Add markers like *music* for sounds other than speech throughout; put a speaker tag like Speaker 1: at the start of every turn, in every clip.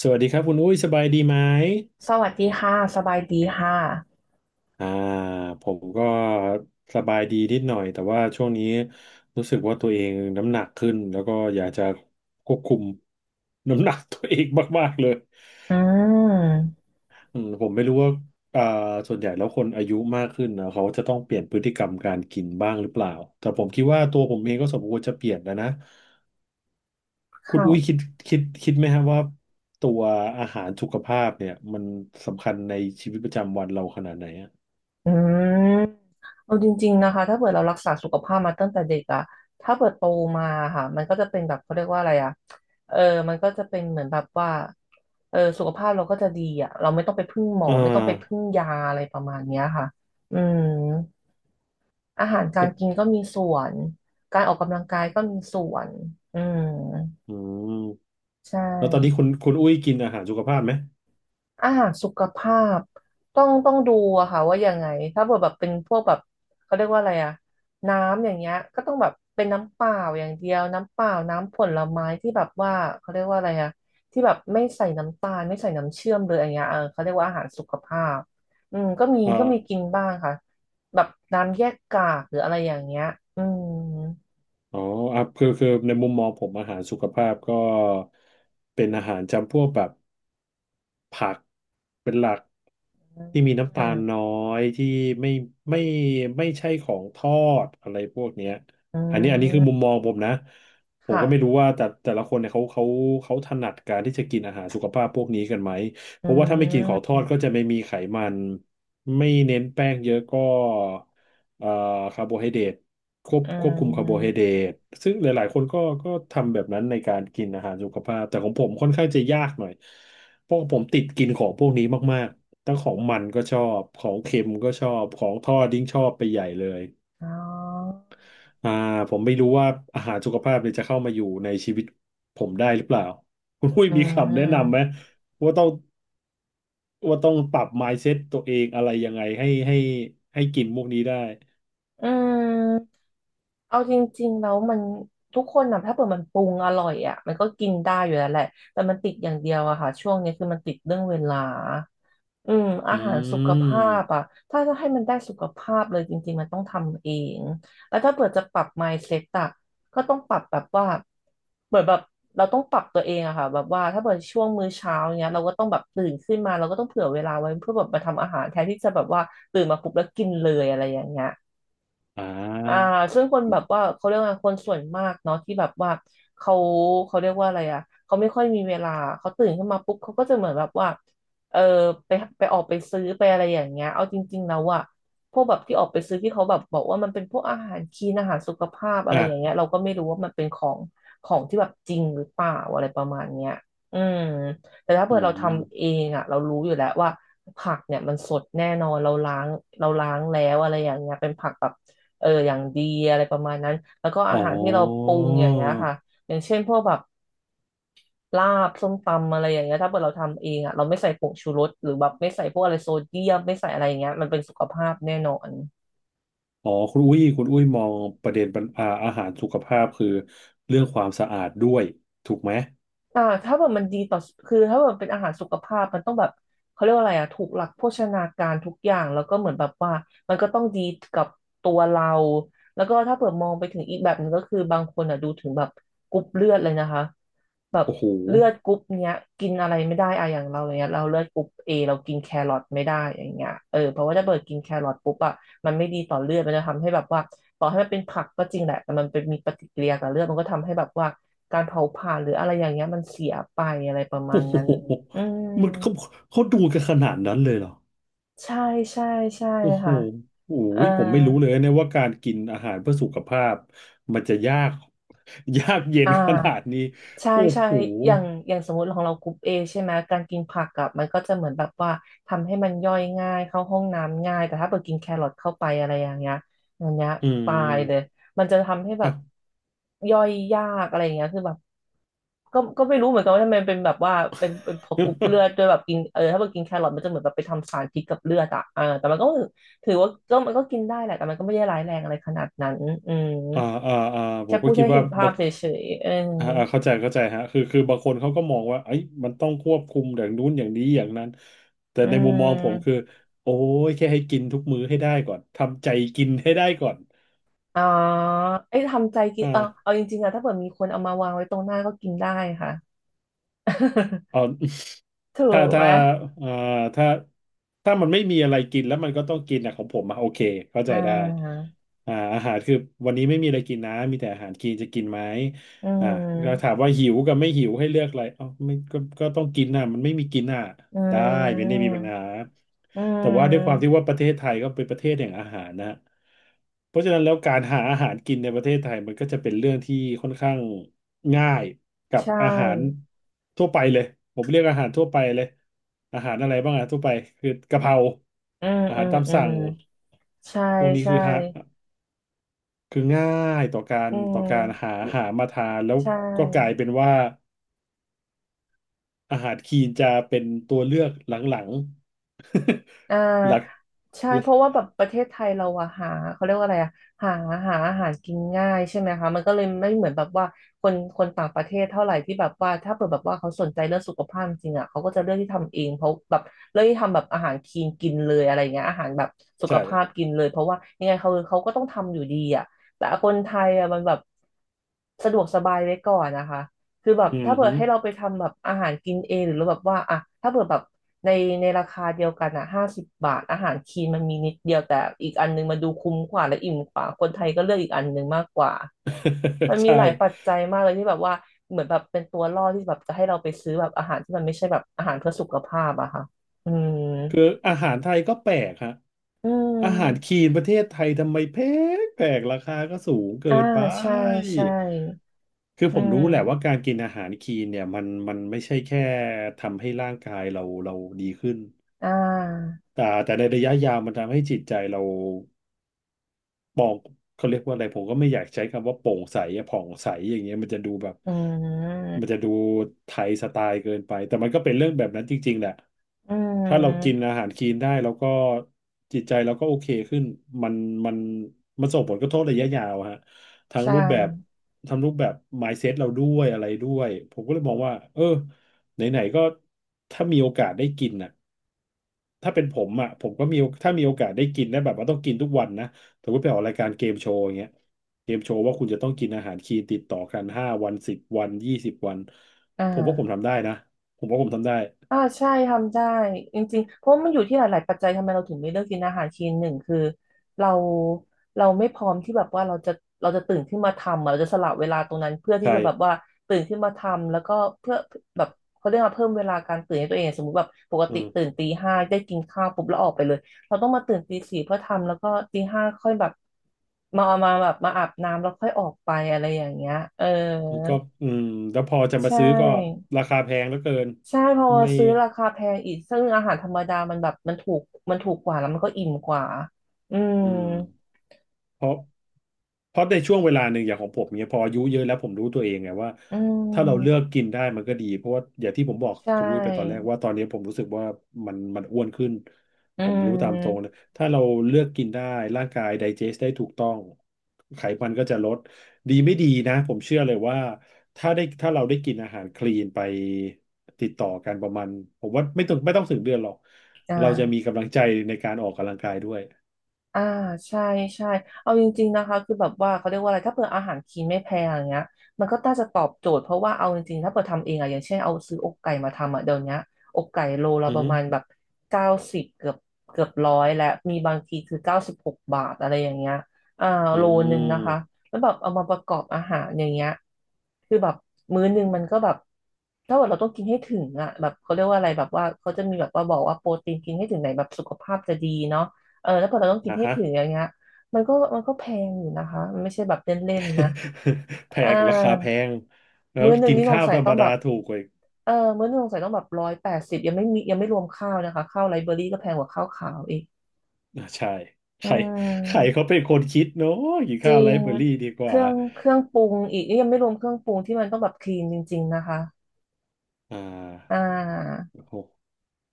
Speaker 1: สวัสดีครับคุณอุ้ยสบายดีไหม
Speaker 2: สวัสดีค่ะสบายดีค่ะ
Speaker 1: อ่าผมก็สบายดีนิดหน่อยแต่ว่าช่วงนี้รู้สึกว่าตัวเองน้ำหนักขึ้นแล้วก็อยากจะควบคุม *laughs* น้ำหนักตัวเองมากๆเลย
Speaker 2: อืม
Speaker 1: ผมไม่รู้ว่าอ่าส่วนใหญ่แล้วคนอายุมากขึ้นนะเขาจะต้องเปลี่ยนพฤติกรรมการกินบ้างหรือเปล่าแต่ผมคิดว่าตัวผมเองก็สมควรจะเปลี่ยนแล้วนะคุณอุ้ยคิด
Speaker 2: ค่ะ
Speaker 1: คิดคิดไหมครับว่าตัวอาหารสุขภาพเนี่ยมันสำคัญในชีวิตประจำวันเราขนาดไหนอะ
Speaker 2: อืมเอาจริงๆนะคะถ้าเกิดเรารักษาสุขภาพมาตั้งแต่เด็กอะถ้าเกิดโตมาค่ะมันก็จะเป็นแบบเขาเรียกว่าอะไรอะเออมันก็จะเป็นเหมือนแบบว่าเออสุขภาพเราก็จะดีอะเราไม่ต้องไปพึ่งหมอ
Speaker 1: อ่
Speaker 2: ไม่ต้องไปพึ่ง
Speaker 1: า
Speaker 2: ยาอะไรประมาณเนี้ยค่ะอืมอาหารกา
Speaker 1: แล้
Speaker 2: ร
Speaker 1: ว
Speaker 2: กินก็มีส่วนการออกกำลังกายก็มีส่วนอืม
Speaker 1: อืม
Speaker 2: ใช่
Speaker 1: แล้วตอนนี้คุณอุ้ยกินอาหารสุขภาพไหม
Speaker 2: อาหารสุขภาพต้องดูอะค่ะว่ายังไงถ้าเกิดแบบเป็นพวกแบบเขาเรียกว่าอะไรอะน้ำอย่างเงี้ยก็ต้องแบบเป็นน้ำเปล่าอย่างเดียวน้ำเปล่าน้ำผลไม้ที่แบบว่าเขาเรียกว่าอะไรอะที่แบบไม่ใส่น้ำตาลไม่ใส่น้ำเชื่อมเลยอย่างเงี้ยเออเขาเรียกว่าอาหารสุขภาพอืมก็มี
Speaker 1: เอ่อ
Speaker 2: กินบ้างค่ะแบบน้ำแยกกากหรืออะไรอย่างเงี้ยอืม
Speaker 1: อ๋ออ่ะคือในมุมมองผมอาหารสุขภาพก็เป็นอาหารจำพวกแบบ ผักเป็นหลัก
Speaker 2: อ
Speaker 1: ที่มีน้ำ
Speaker 2: ื
Speaker 1: ตา
Speaker 2: ม
Speaker 1: ลน้อยที่ไม่ไม่ไม่ใช่ของทอดอะไรพวกเนี้ย
Speaker 2: อื
Speaker 1: อันนี้คือมุม
Speaker 2: ม
Speaker 1: มองผมนะผม
Speaker 2: ค่ะ
Speaker 1: ก็ไม่รู้ว่าแต่ละคนเนี่ยเขาถนัดการที่จะกินอาหารสุขภาพพวกนี้กันไหม
Speaker 2: อื
Speaker 1: เพราะว่าถ้าไม่กินของทอดก็
Speaker 2: ม
Speaker 1: จะไม่มีไขมันไม่เน้นแป้งเยอะก็ เอ่อคาร์โบไฮเดรตควบ
Speaker 2: อื
Speaker 1: ควบคุมคาร์โบไฮ
Speaker 2: ม
Speaker 1: เดรตซึ่งหลายๆคนก็ทำแบบนั้นในการกินอาหารสุขภาพแต่ของผมค่อนข้างจะยากหน่อยเพราะผมติดกินของพวกนี้มากๆทั้งของมันก็ชอบของเค็มก็ชอบของทอดยิ่งชอบไปใหญ่เลย
Speaker 2: อ๋อ
Speaker 1: อ่าผมไม่รู้ว่าอาหารสุขภาพเนี่ยจะเข้ามาอยู่ในชีวิตผมได้หรือเปล่าคุณอุ้ย
Speaker 2: อื
Speaker 1: มีคำแนะนำไหม
Speaker 2: ม
Speaker 1: ว่าต้องว่าต้องปรับ mindset ตัวเองอะไรยังไงให้กินพวกนี้ได้
Speaker 2: อืมเอาจริงๆแล้วมันทุกคนนะถ้าเปิดมันปรุงอร่อยอ่ะมันก็กินได้อยู่แล้วแหละแต่มันติดอย่างเดียวอะค่ะช่วงนี้คือมันติดเรื่องเวลาอืมอา
Speaker 1: อื
Speaker 2: หารสุขภาพอะ
Speaker 1: ม
Speaker 2: ถ้าจะให้มันได้สุขภาพเลยจริงๆมันต้องทำเองแล้วถ้าเปิดจะปรับ mindset อะก็ต้องปรับแบบว่าเหมือนแบบเราต้องปรับตัวเองอะค่ะแบบว่าถ้าเปิดช่วงมื้อเช้าเนี้ยเราก็ต้องแบบตื่นขึ้นมาเราก็ต้องเผื่อเวลาไว้เพื่อแบบมาทำอาหารแทนที่จะแบบว่าตื่นมาปุ๊บแล้วกินเลยอะไรอย่างเงี้ย
Speaker 1: อ่
Speaker 2: อ่า
Speaker 1: า
Speaker 2: ซึ่งคนแบบว่าเขาเรียกว่าคนส่วนมากเนาะที่แบบว่าเขาเรียกว่าอะไรอ่ะเขาไม่ค่อยมีเวลาเขาตื่นขึ้นมาปุ๊บเขาก็จะเหมือนแบบว่าเออไปออกไปซื้อไปอะไรอย่างเงี้ยเอาจริงๆแล้วอะพวกแบบที่ออกไปซื้อที่เขาแบบบอกว่ามันเป็นพวกอาหารคลีนอาหารสุขภาพอะไร
Speaker 1: อ่ะ
Speaker 2: อย่างเงี้ยเราก็ไม่รู้ว่ามันเป็นของที่แบบจริงหรือเปล่าอะไรประมาณเนี้ยอืมแต่ถ้าเกิ
Speaker 1: อื
Speaker 2: ดเราทำเอ
Speaker 1: ม
Speaker 2: งอะเรารู้อยู่แล้วว่าผักเนี่ยมันสดแน่นอนเราล้างเราล้างแล้วอะไรอย่างเงี้ยเป็นผักแบบ เอออย่างดีอะไรประมาณนั้นแล้วก็
Speaker 1: อ๋
Speaker 2: อาหารที่เราป
Speaker 1: อ
Speaker 2: รุงอย่างเงี้ยค่ะอย่างเช่นพวกแบบลาบส้มตำอะไรอย่างเงี้ยถ้าเกิดเราทำเองอ่ะเราไม่ใส่ผงชูรสหรือแบบไม่ใส่พวกอะไรโซเดียมไม่ใส่อะไรอย่างเงี้ยมันเป็นสุขภาพแน่นอน
Speaker 1: อ๋อคุณอุ้ยมองประเด็นปัญอาอาหารสุขภาพคือเรื่องความสะอาดด้วยถูกไหม
Speaker 2: อ่าถ้าแบบมันดีต่อคือถ้าแบบเป็นอาหารสุขภาพมันต้องแบบเขาเรียกว่าอะไรอ่ะถูกหลักโภชนาการทุกอย่างแล้วก็เหมือนแบบว่ามันก็ต้องดีกับตัวเราแล้วก็ถ้าเผื่อมองไปถึงอีกแบบหนึงก็คือบางคนอ่ะดูถึงแบบกรุ๊ปเลือดเลยนะคะแบบ
Speaker 1: โอ้โห
Speaker 2: เลือดกรุ๊ปเนี้ยกินอะไรไม่ได้อะอย่างเราอย่างเงี้ยเราเลือดกรุ๊ปเอเรากินแครอทไม่ได้อย่างเงี้ยเออเพราะว่าถ้าเปิดกินแครอทปุ๊บอ่ะ มันไม่ดีต่อเลือดมันจะทำให้แบบว่าต่อให้มันเป็นผักก็จริงแหละแต่มันเป็นมีปฏิกิริยากับเลือดมันก็ทำให้แบบว่าการเผาผลาญหรืออะไรอย่างเงี้ยมันเสียไปอะไรประมา
Speaker 1: โอ้
Speaker 2: ณ
Speaker 1: โห
Speaker 2: นั้น
Speaker 1: *laughs*
Speaker 2: อืม
Speaker 1: มันเขาดูกันขนาดนั้นเลยเหรอ
Speaker 2: ใช่ใช่ใช่
Speaker 1: โอ้โห
Speaker 2: ค่ะ
Speaker 1: โอ้
Speaker 2: เอ่อ
Speaker 1: ยผมไม่รู้เลยนะว่าการกินอาหารเพื่อสุขภาพมันจะยาก *laughs* ยากเย็น
Speaker 2: อ่า
Speaker 1: ขนาดนี้
Speaker 2: ใช่
Speaker 1: โอ้
Speaker 2: ใช่
Speaker 1: โห
Speaker 2: อย่างสมมติของเรากรุ๊ปเอใช่ไหมการกินผักอะมันก็จะเหมือนแบบว่า ทำให้มันย่อยง่าย เข้าห้องน้ำง่ายแต่ถ้าเกิดกินแครอทเข้าไปอะไรอย่างเงี้ยอย่างเงี้ย
Speaker 1: อื
Speaker 2: ตายเลย
Speaker 1: ม
Speaker 2: มันจะทำให้แบ
Speaker 1: อ่ะ
Speaker 2: บย่อยยากอะไรอย่างเงี้ยคือแบบก็ไม่รู้เหมือนกันว่าทำไมเป็นแบบว่าเป็นพอกรุ๊ปเลือดด้วย
Speaker 1: *laughs*
Speaker 2: แบบกินเออถ้าเกิดกินแครอทมันจะเหมือนแบบไปทำสารพิษกับเลือดอะเออแต่มันก็ถือว่าก็มันก็กินได้แหละแต่มันก็ไม่ได้ร้ายแรงอะไรขนาดนั้นอืม
Speaker 1: อ่าอ่าอ่าผ
Speaker 2: แค่
Speaker 1: มก็
Speaker 2: พูด
Speaker 1: คิด
Speaker 2: ให้
Speaker 1: ว่า
Speaker 2: เห็นภาพเฉยๆเออ
Speaker 1: เข้าใจเข้าใจฮะคือบางคนเขาก็มองว่าเอ้ยมันต้องควบคุมอย่างนู้นอย่างนี้ อย่างนั้น แต่
Speaker 2: อื
Speaker 1: ในมุมมองผมคือ
Speaker 2: ม
Speaker 1: โอ้ยแค่ให้กินทุกมื้อให้ได้ก่อน ทำใจกินให้ได้ก่อน
Speaker 2: อ๋อไอ้ยทำใจกินเออเอา
Speaker 1: อ่า
Speaker 2: จริงๆอะถ้าเกิดมีคนเอามาวางไว้ตรงหน้าก็กินได้ค่ะ
Speaker 1: เอา
Speaker 2: *laughs* ถู
Speaker 1: *laughs* ถ้า
Speaker 2: กไหม
Speaker 1: ถ้าอ่าถ้าถ้ามันไม่มีอะไรกินแล้วมันก็ต้องกินอะของผมอะโอเคเข้า
Speaker 2: อ่
Speaker 1: ใจได้
Speaker 2: า
Speaker 1: อาหารคือวันนี้ไม่มีอะไรกินนะ มีแต่อาหารกินจะกินไหม
Speaker 2: อื
Speaker 1: อ่าก็ถาม
Speaker 2: ม
Speaker 1: ว่าหิวกับไม่หิวให้เลือกอะไรเอ้าไม่ก็ต้องกินน่ะมันไม่มีกินน่ะ
Speaker 2: อื
Speaker 1: ได้ไม่ได้มี
Speaker 2: ม
Speaker 1: ปัญหา
Speaker 2: อื
Speaker 1: แต่ว่าด้วยความที่
Speaker 2: ม
Speaker 1: ว่าประเทศไทยก็เป็นประเทศแห่งอาหารนะฮะเพราะฉะนั้นแล้วการหาอาหารกินในประเทศไทยมันก็จะเป็นเรื่องที่ค่อนข้างง่ายกับ
Speaker 2: ใช่
Speaker 1: อาหารทั่วไปเลยผมเรียกอาหารทั่วไปเลยอาหารอะไรบ้างอะทั่วไปคือกะเพรา
Speaker 2: อืม
Speaker 1: อา
Speaker 2: อื
Speaker 1: หาร
Speaker 2: ม
Speaker 1: ตาม
Speaker 2: อื
Speaker 1: สั่
Speaker 2: ม
Speaker 1: ง
Speaker 2: ใช่
Speaker 1: พวกนี้
Speaker 2: ใช่
Speaker 1: คือฮะ คือง่ายต่อการ
Speaker 2: อื
Speaker 1: ต่อการหา
Speaker 2: ม
Speaker 1: หามาทานแล้ว
Speaker 2: ใช่
Speaker 1: ก็กลายเป็นว่าอาหารคีนจะเป็นตัวเลือกหลัง
Speaker 2: อ่
Speaker 1: ๆ *laughs* หลัก
Speaker 2: าใช่เพราะว่าแบบประเทศไทยเราอะหาเขาเรียกว่าอะไรอะหาหาอาหารกินง่ายใช่ไหมคะมันก็เลยไม่เหมือนแบบว่าคนคนต่างประเทศเท่าไหร่ที่แบบว่าถ้าเปิดแบบว่าเขาสนใจเรื่องสุขภาพจริงอะเขาก็จะเลือกที่ทำเองเพราะแบบเลือกที่ทำแบบอาหารคลีนกินเลยอะไรเงี้ยอาหารแบบสุข
Speaker 1: ใช่
Speaker 2: ภาพกินเลยเพราะว่ายังไงเขาเขาก็ต้องทำอยู่ดีอะแต่คนไทยอะมันแบบสะดวกสบายไว้ก่อนนะคะ คือแบบ
Speaker 1: อืม
Speaker 2: ถ้าเผื่
Speaker 1: ฮึ
Speaker 2: อให้เราไปทำแบบอาหารกินเองหรือเราแบบว่าอ่ะถ้าเผื่อแบบในในราคาเดียวกันอ่ะห้าสิบบาทอาหารคีนมันมีนิดเดียวแต่อีกอันนึงมันดูคุ้มกว่าและอิ่มกว่าคนไทยก็เลือกอีกอันนึงมากกว่ามัน
Speaker 1: *laughs*
Speaker 2: มี
Speaker 1: ใช่
Speaker 2: หลายปัจจัยมากเลยที่แบบว่าเหมือนแบบเป็นตัวล่อที่แบบจะให้เราไปซื้อแบบอาหารที่มันไม่ใช่แบบอาหารเพื่อสุขภาพอะค่ะอืม
Speaker 1: คืออาหารไทยก็แปลกฮะ
Speaker 2: อื
Speaker 1: อาหาร
Speaker 2: ม
Speaker 1: คีนประเทศไทยทำไมแพงแปลกราคาก็สูงเกิ
Speaker 2: อ่า
Speaker 1: นไป
Speaker 2: ใช่ใช่
Speaker 1: คือ
Speaker 2: อื
Speaker 1: ผมรู้แหละว่า
Speaker 2: ม
Speaker 1: การกินอาหารคีนเนี่ยมันไม่ใช่แค่ทำให้ร่างกายเราดีขึ้น
Speaker 2: อ่า
Speaker 1: แต่ในระยะยาวมันทำให้จิตใจเรา เขาเรียกว่าอะไรผมก็ไม่อยากใช้คำว่าโปร่งใสอะผ่องใสอย่างเงี้ยมันจะดูแบบ
Speaker 2: อื
Speaker 1: มันจะ
Speaker 2: ม
Speaker 1: ดูไทยสไตล์เกินไปแต่มันก็เป็นเรื่องแบบนั้นจริงๆแหละ
Speaker 2: อื
Speaker 1: ถ้าเรากิน
Speaker 2: ม
Speaker 1: อาหารคลีนได้แล้วก็จิตใจเราก็โอเคขึ้นมันมันมันส่งผลกระทบระยะยาวฮะทั้ง
Speaker 2: ใช่
Speaker 1: รูปแบบทั้งรูปแบบ mindset เราด้วยอะไรด้วยผมก็เลยมองว่าเออไหนๆก็ถ้ามีโอกาสได้กินน่ะถ้าเป็นผมอ่ะผมก็มีโอถ้ามีโอกาสได้กินได้แบบว่าต้องกินทุกวันนะ สมมติไปออกรายการเกมโชว์อย่างเงี้ยเกมโชว์ว่าคุณจะต้องกินอาหารคลีนติดต่อกัน5 วันสิบวัน20 วัน
Speaker 2: อ่า
Speaker 1: ผมว่าผมทำได้นะผมว่าผมทำได้
Speaker 2: อ่าใช่ทำได้จริงๆเพราะมันอยู่ที่หลายๆปัจจัยทำไมเราถึงไม่เลือกกินอาหารคลีนหนึ่งคือเราเราไม่พร้อมที่แบบว่าเราจะเราจะตื่นขึ้นมาทำอะเราจะสละเวลาตรงนั้นเพื่อที่
Speaker 1: ใช่
Speaker 2: จะแบบว่าตื่นขึ้นมาทำแล้วก็เพื่อแบบเขาเรียกว่าเพิ่มเวลาการตื่นให้ตัวเองสมมติแบบปก
Speaker 1: อื
Speaker 2: ติตื่น
Speaker 1: ม
Speaker 2: ตีห้าได้กินข้าวปุ๊บแล้วออกไปเลยเราต้องมาตื่นตีสี่เพื่อทำแล้วก็ตีห้าค่อยแบบมาอาบน้ำแล้วค่อยออกไปอะไรอย่างเงี้ยเออ
Speaker 1: ก็อืมแล้วพอจะ
Speaker 2: ใช
Speaker 1: มาซื้อก็
Speaker 2: ่
Speaker 1: ราคาแพงเหลือเกิน
Speaker 2: ใช่พอ
Speaker 1: ไม่
Speaker 2: ซื้อราคาแพงอีกซึ่งอาหารธรรมดามันแบบมันถูกมันถูกกว่าแล้วมันก็อิ่มกว่าอืม
Speaker 1: อืม เพราะเพราะในช่วงเวลาหนึ่งอย่างของผมเนี่ยพออายุเยอะแล้วผมรู้ตัวเองไงว่า
Speaker 2: อื
Speaker 1: ถ้าเราเลือก
Speaker 2: ม
Speaker 1: กินได้มันก็ดีเพราะว่าอย่างที่ผมบอก
Speaker 2: ใช
Speaker 1: คุณวุ้ยไปตอนแรก
Speaker 2: ่
Speaker 1: ว่าตอนนี้ผมรู้สึกว่ามันอ้วนขึ้น
Speaker 2: อื
Speaker 1: ผมรู้ตามตรงนะ
Speaker 2: ม
Speaker 1: ถ้าเราเลือกกินได้ร่างกายไดเจสได้ถูกต้องไขมันก็จะลดดีไม่ดีนะผมเชื่อเลยว่าถ้าเราได้กินอาหารคลีนไปติดต่อกันประมาณผมว่าไม่ต้องถึงเดือนหรอก
Speaker 2: อ่า
Speaker 1: เราจะมีกำลังใจในการออกกำลังกายด้วย
Speaker 2: อ่าใช่ใช่เอาจริงๆนะคะคือแบบว่าเขาเรียกว่าอะไรถ้าเปิดอาหารคลีนไม่แพงอย่างเงี้ยมันก็น่าจะตอบโจทย์เพราะว่าเอาจริงๆถ้าเปิดทำเองอะอย่างเช่นเอาซื้ออกไก่มาทำอะเดี๋ยวเนี้ยอกไก่โลละ
Speaker 1: อื
Speaker 2: ประมาณแบบเก้าสิบเกือบเกือบร้อยและมีบางทีคือเก้าสิบหกบาทอะไรอย่างเงี้ยอ่า
Speaker 1: อฮึอื
Speaker 2: โลนึง
Speaker 1: ม
Speaker 2: นะคะแล้วแบบเอามาประกอบอาหารอย่างเงี้ยคือแบบมื้อนึงมันก็แบบถ้าว่าเราต้องกินให้ถึงอะแบบเขาเรียกว่าอะไรแบบว่าเขาจะมีแบบว่าบอกว่าโปรตีนกินให้ถึงไหนแบบสุขภาพจะดีเนาะ เออแล้วพอเราต้องกิน
Speaker 1: นะ
Speaker 2: ให้
Speaker 1: ฮะ
Speaker 2: ถึงอย่างเงี้ยมันก็แพงอยู่นะคะมันไม่ใช่แบบเล่นๆนะ
Speaker 1: *laughs* แพ
Speaker 2: อ่า
Speaker 1: งราคาแพงแล้ว
Speaker 2: มื้อหนึ่ง
Speaker 1: กิน
Speaker 2: นี่สง
Speaker 1: ข้าว
Speaker 2: สัย
Speaker 1: ธรร
Speaker 2: ต้
Speaker 1: ม
Speaker 2: องแบ
Speaker 1: ดา
Speaker 2: บ
Speaker 1: ถูกกว่าอีก
Speaker 2: เออมื้อหนึ่งสงสัยต้องแบบร้อยแปดสิบยังไม่มียังไม่รวมข้าวนะคะข้าวไลเบอรี่ก็แพงกว่าข้าวขาวอีก
Speaker 1: อ่ะใช่ใค
Speaker 2: อื
Speaker 1: รใคร
Speaker 2: ม
Speaker 1: เขาเป็นคนคิดเนาะกิน
Speaker 2: จ
Speaker 1: ข้าว
Speaker 2: ริ
Speaker 1: ไล
Speaker 2: ง
Speaker 1: ฟ์เบอรี่ดีก
Speaker 2: เค
Speaker 1: ว่า
Speaker 2: รื่องเครื่องปรุงอีกนี่ยังไม่รวมเครื่องปรุงที่มันต้องแบบคลีนจริงๆนะคะ
Speaker 1: อ่
Speaker 2: อ่
Speaker 1: า
Speaker 2: า
Speaker 1: โอ้โห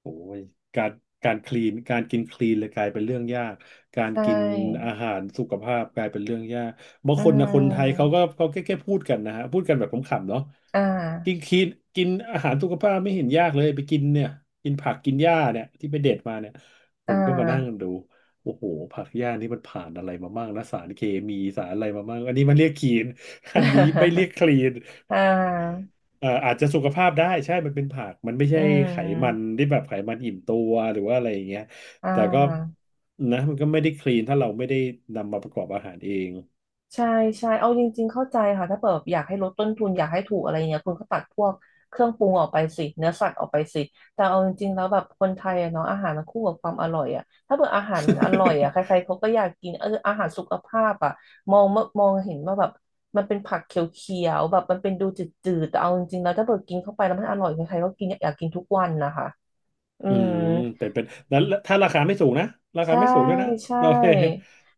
Speaker 1: โอ้ยการการคลีนการกินคลีนเลยกลายเป็นเรื่องยากการ
Speaker 2: ใช
Speaker 1: กิน
Speaker 2: ่
Speaker 1: อาหารสุขภาพกลายเป็นเรื่องยากบาง
Speaker 2: อื
Speaker 1: คนนะคนไทยเขา
Speaker 2: ม
Speaker 1: ก็เขาแค่พูดกันนะฮะพูดกันแบบขำๆเนาะ
Speaker 2: อ่า
Speaker 1: กินคลีนกินอาหารสุขภาพไม่เห็นยากเลยไปกินเนี่ยกินผักกินหญ้าเนี่ยที่ไปเด็ดมาเนี่ยผ
Speaker 2: อ่า
Speaker 1: มก็มานั่งดูโอ้โหผักหญ้านี่มันผ่านอะไรมาบ้างนะสารเคมีสารอะไรมาบ้างอันนี้มันเรียกคลีนอันนี้ไม่เรียก
Speaker 2: *laughs*
Speaker 1: คลีน
Speaker 2: อ่า
Speaker 1: อาจจะสุขภาพได้ใช่มันเป็นผักมันไม่
Speaker 2: *laughs* อื
Speaker 1: ใช่ไขมัน
Speaker 2: ม
Speaker 1: ที่แบบไขมันอิ่มตัวหรือว่าอะไรอย่างเงี้ย
Speaker 2: อ่
Speaker 1: แต่ก็
Speaker 2: า
Speaker 1: นะมันก็ไม่ได้คลีนถ้าเราไม่ได้นำมาประกอบอาหารเอง
Speaker 2: ใช่ใช่เอาจริงๆเข้าใจค่ะถ้าเปิดแบบอยากให้ลดต้นทุนอยากให้ถูกอะไรเงี้ยคุณก็ตัดพวกเครื่องปรุงออกไปสิเนื้อสัตว์ออกไปสิแต่เอาจริงๆแล้วแบบคนไทยอะเนาะอาหารมันคู่กับความอร่อยอะถ้าเปิดอาหารมันอร่อยอะใครๆ
Speaker 1: *laughs*
Speaker 2: เขาก็อยากกินเอออาหารสุขภาพอะมองมองเห็นว่าแบบมันเป็นผักเขียวๆแบบมันเป็นดูจืดๆแต่เอาจริงๆแล้วถ้าเปิดกินเข้าไปแล้วมันอร่อยใครๆก็กินอยากกินทุกวันนะคะอื
Speaker 1: อื
Speaker 2: ม
Speaker 1: มเป็นแล้วถ้าราคาไม่สูงนะราคา
Speaker 2: ใช่
Speaker 1: ไม่สูงด้วยนะ
Speaker 2: ใช่
Speaker 1: โอเค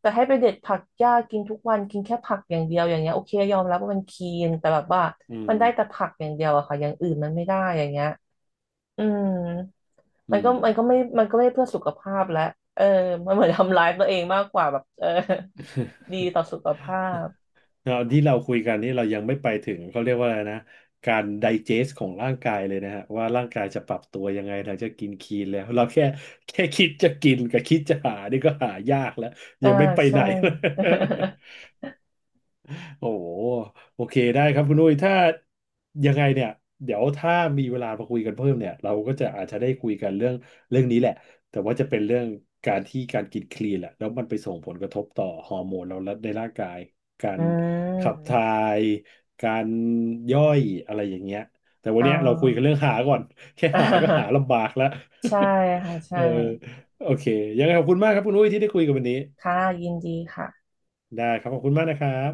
Speaker 2: แต่ให้ไปเด็ดผักหญ้ากินทุกวันกินแค่ผักอย่างเดียวอย่างเงี้ยโอเคยอมรับว่ามันคีนแต่แบบว่า
Speaker 1: อืม
Speaker 2: มันได้แต่ผักอย่างเดียวอะค่ะอย่างอื่นมันไม่ได้อย่างเงี้ยอืม
Speaker 1: อื
Speaker 2: มันก็
Speaker 1: ม
Speaker 2: มันก็ไม่มันก็ไม่เพื่อสุขภาพแล้วเออมันเหมือนทำร้ายตัวเองมากกว่าแบบเออดีต่อสุขภาพ
Speaker 1: เราที่เราคุยกันนี่เรายังไม่ไปถึงเขาเรียกว่าอะไรนะการไดเจสของร่างกายเลยนะฮะว่าร่างกายจะปรับตัวยังไงถึงจะกินคีนแล้วเราแค่คิดจะกินกับคิดจะหานี่ก็หายากแล้ว
Speaker 2: อ่า
Speaker 1: ยังไม่ไป
Speaker 2: ใช่
Speaker 1: ไหน *laughs* โอ้โหโอเคได้ครับคุณนุ้ยถ้ายังไงเนี่ยเดี๋ยวถ้ามีเวลามาคุยกันเพิ่มเนี่ยเราก็จะอาจจะได้คุยกันเรื่องนี้แหละแต่ว่าจะเป็นเรื่องการที่การกินคลีนแหละแล้วมันไปส่งผลกระทบต่อฮอร์โมนเราและในร่างกายกา
Speaker 2: *laughs* อื
Speaker 1: รขับถ่า
Speaker 2: ม
Speaker 1: ยการย่อยอะไรอย่างเงี้ยแต่วัน
Speaker 2: อ่า
Speaker 1: เนี้ยเราคุยกันเรื่องหาก่อน *laughs* แค่หาก็หาลำบากแล้ว
Speaker 2: *laughs* ใช่ค่ะ
Speaker 1: *laughs* เอ
Speaker 2: ใช่
Speaker 1: อโอเคยังไงขอบคุณมากครับคุณนุ้ยที่ได้คุยกันวันนี้
Speaker 2: ค่ะยินดีค่ะ
Speaker 1: ได้ครับขอบคุณมากนะครับ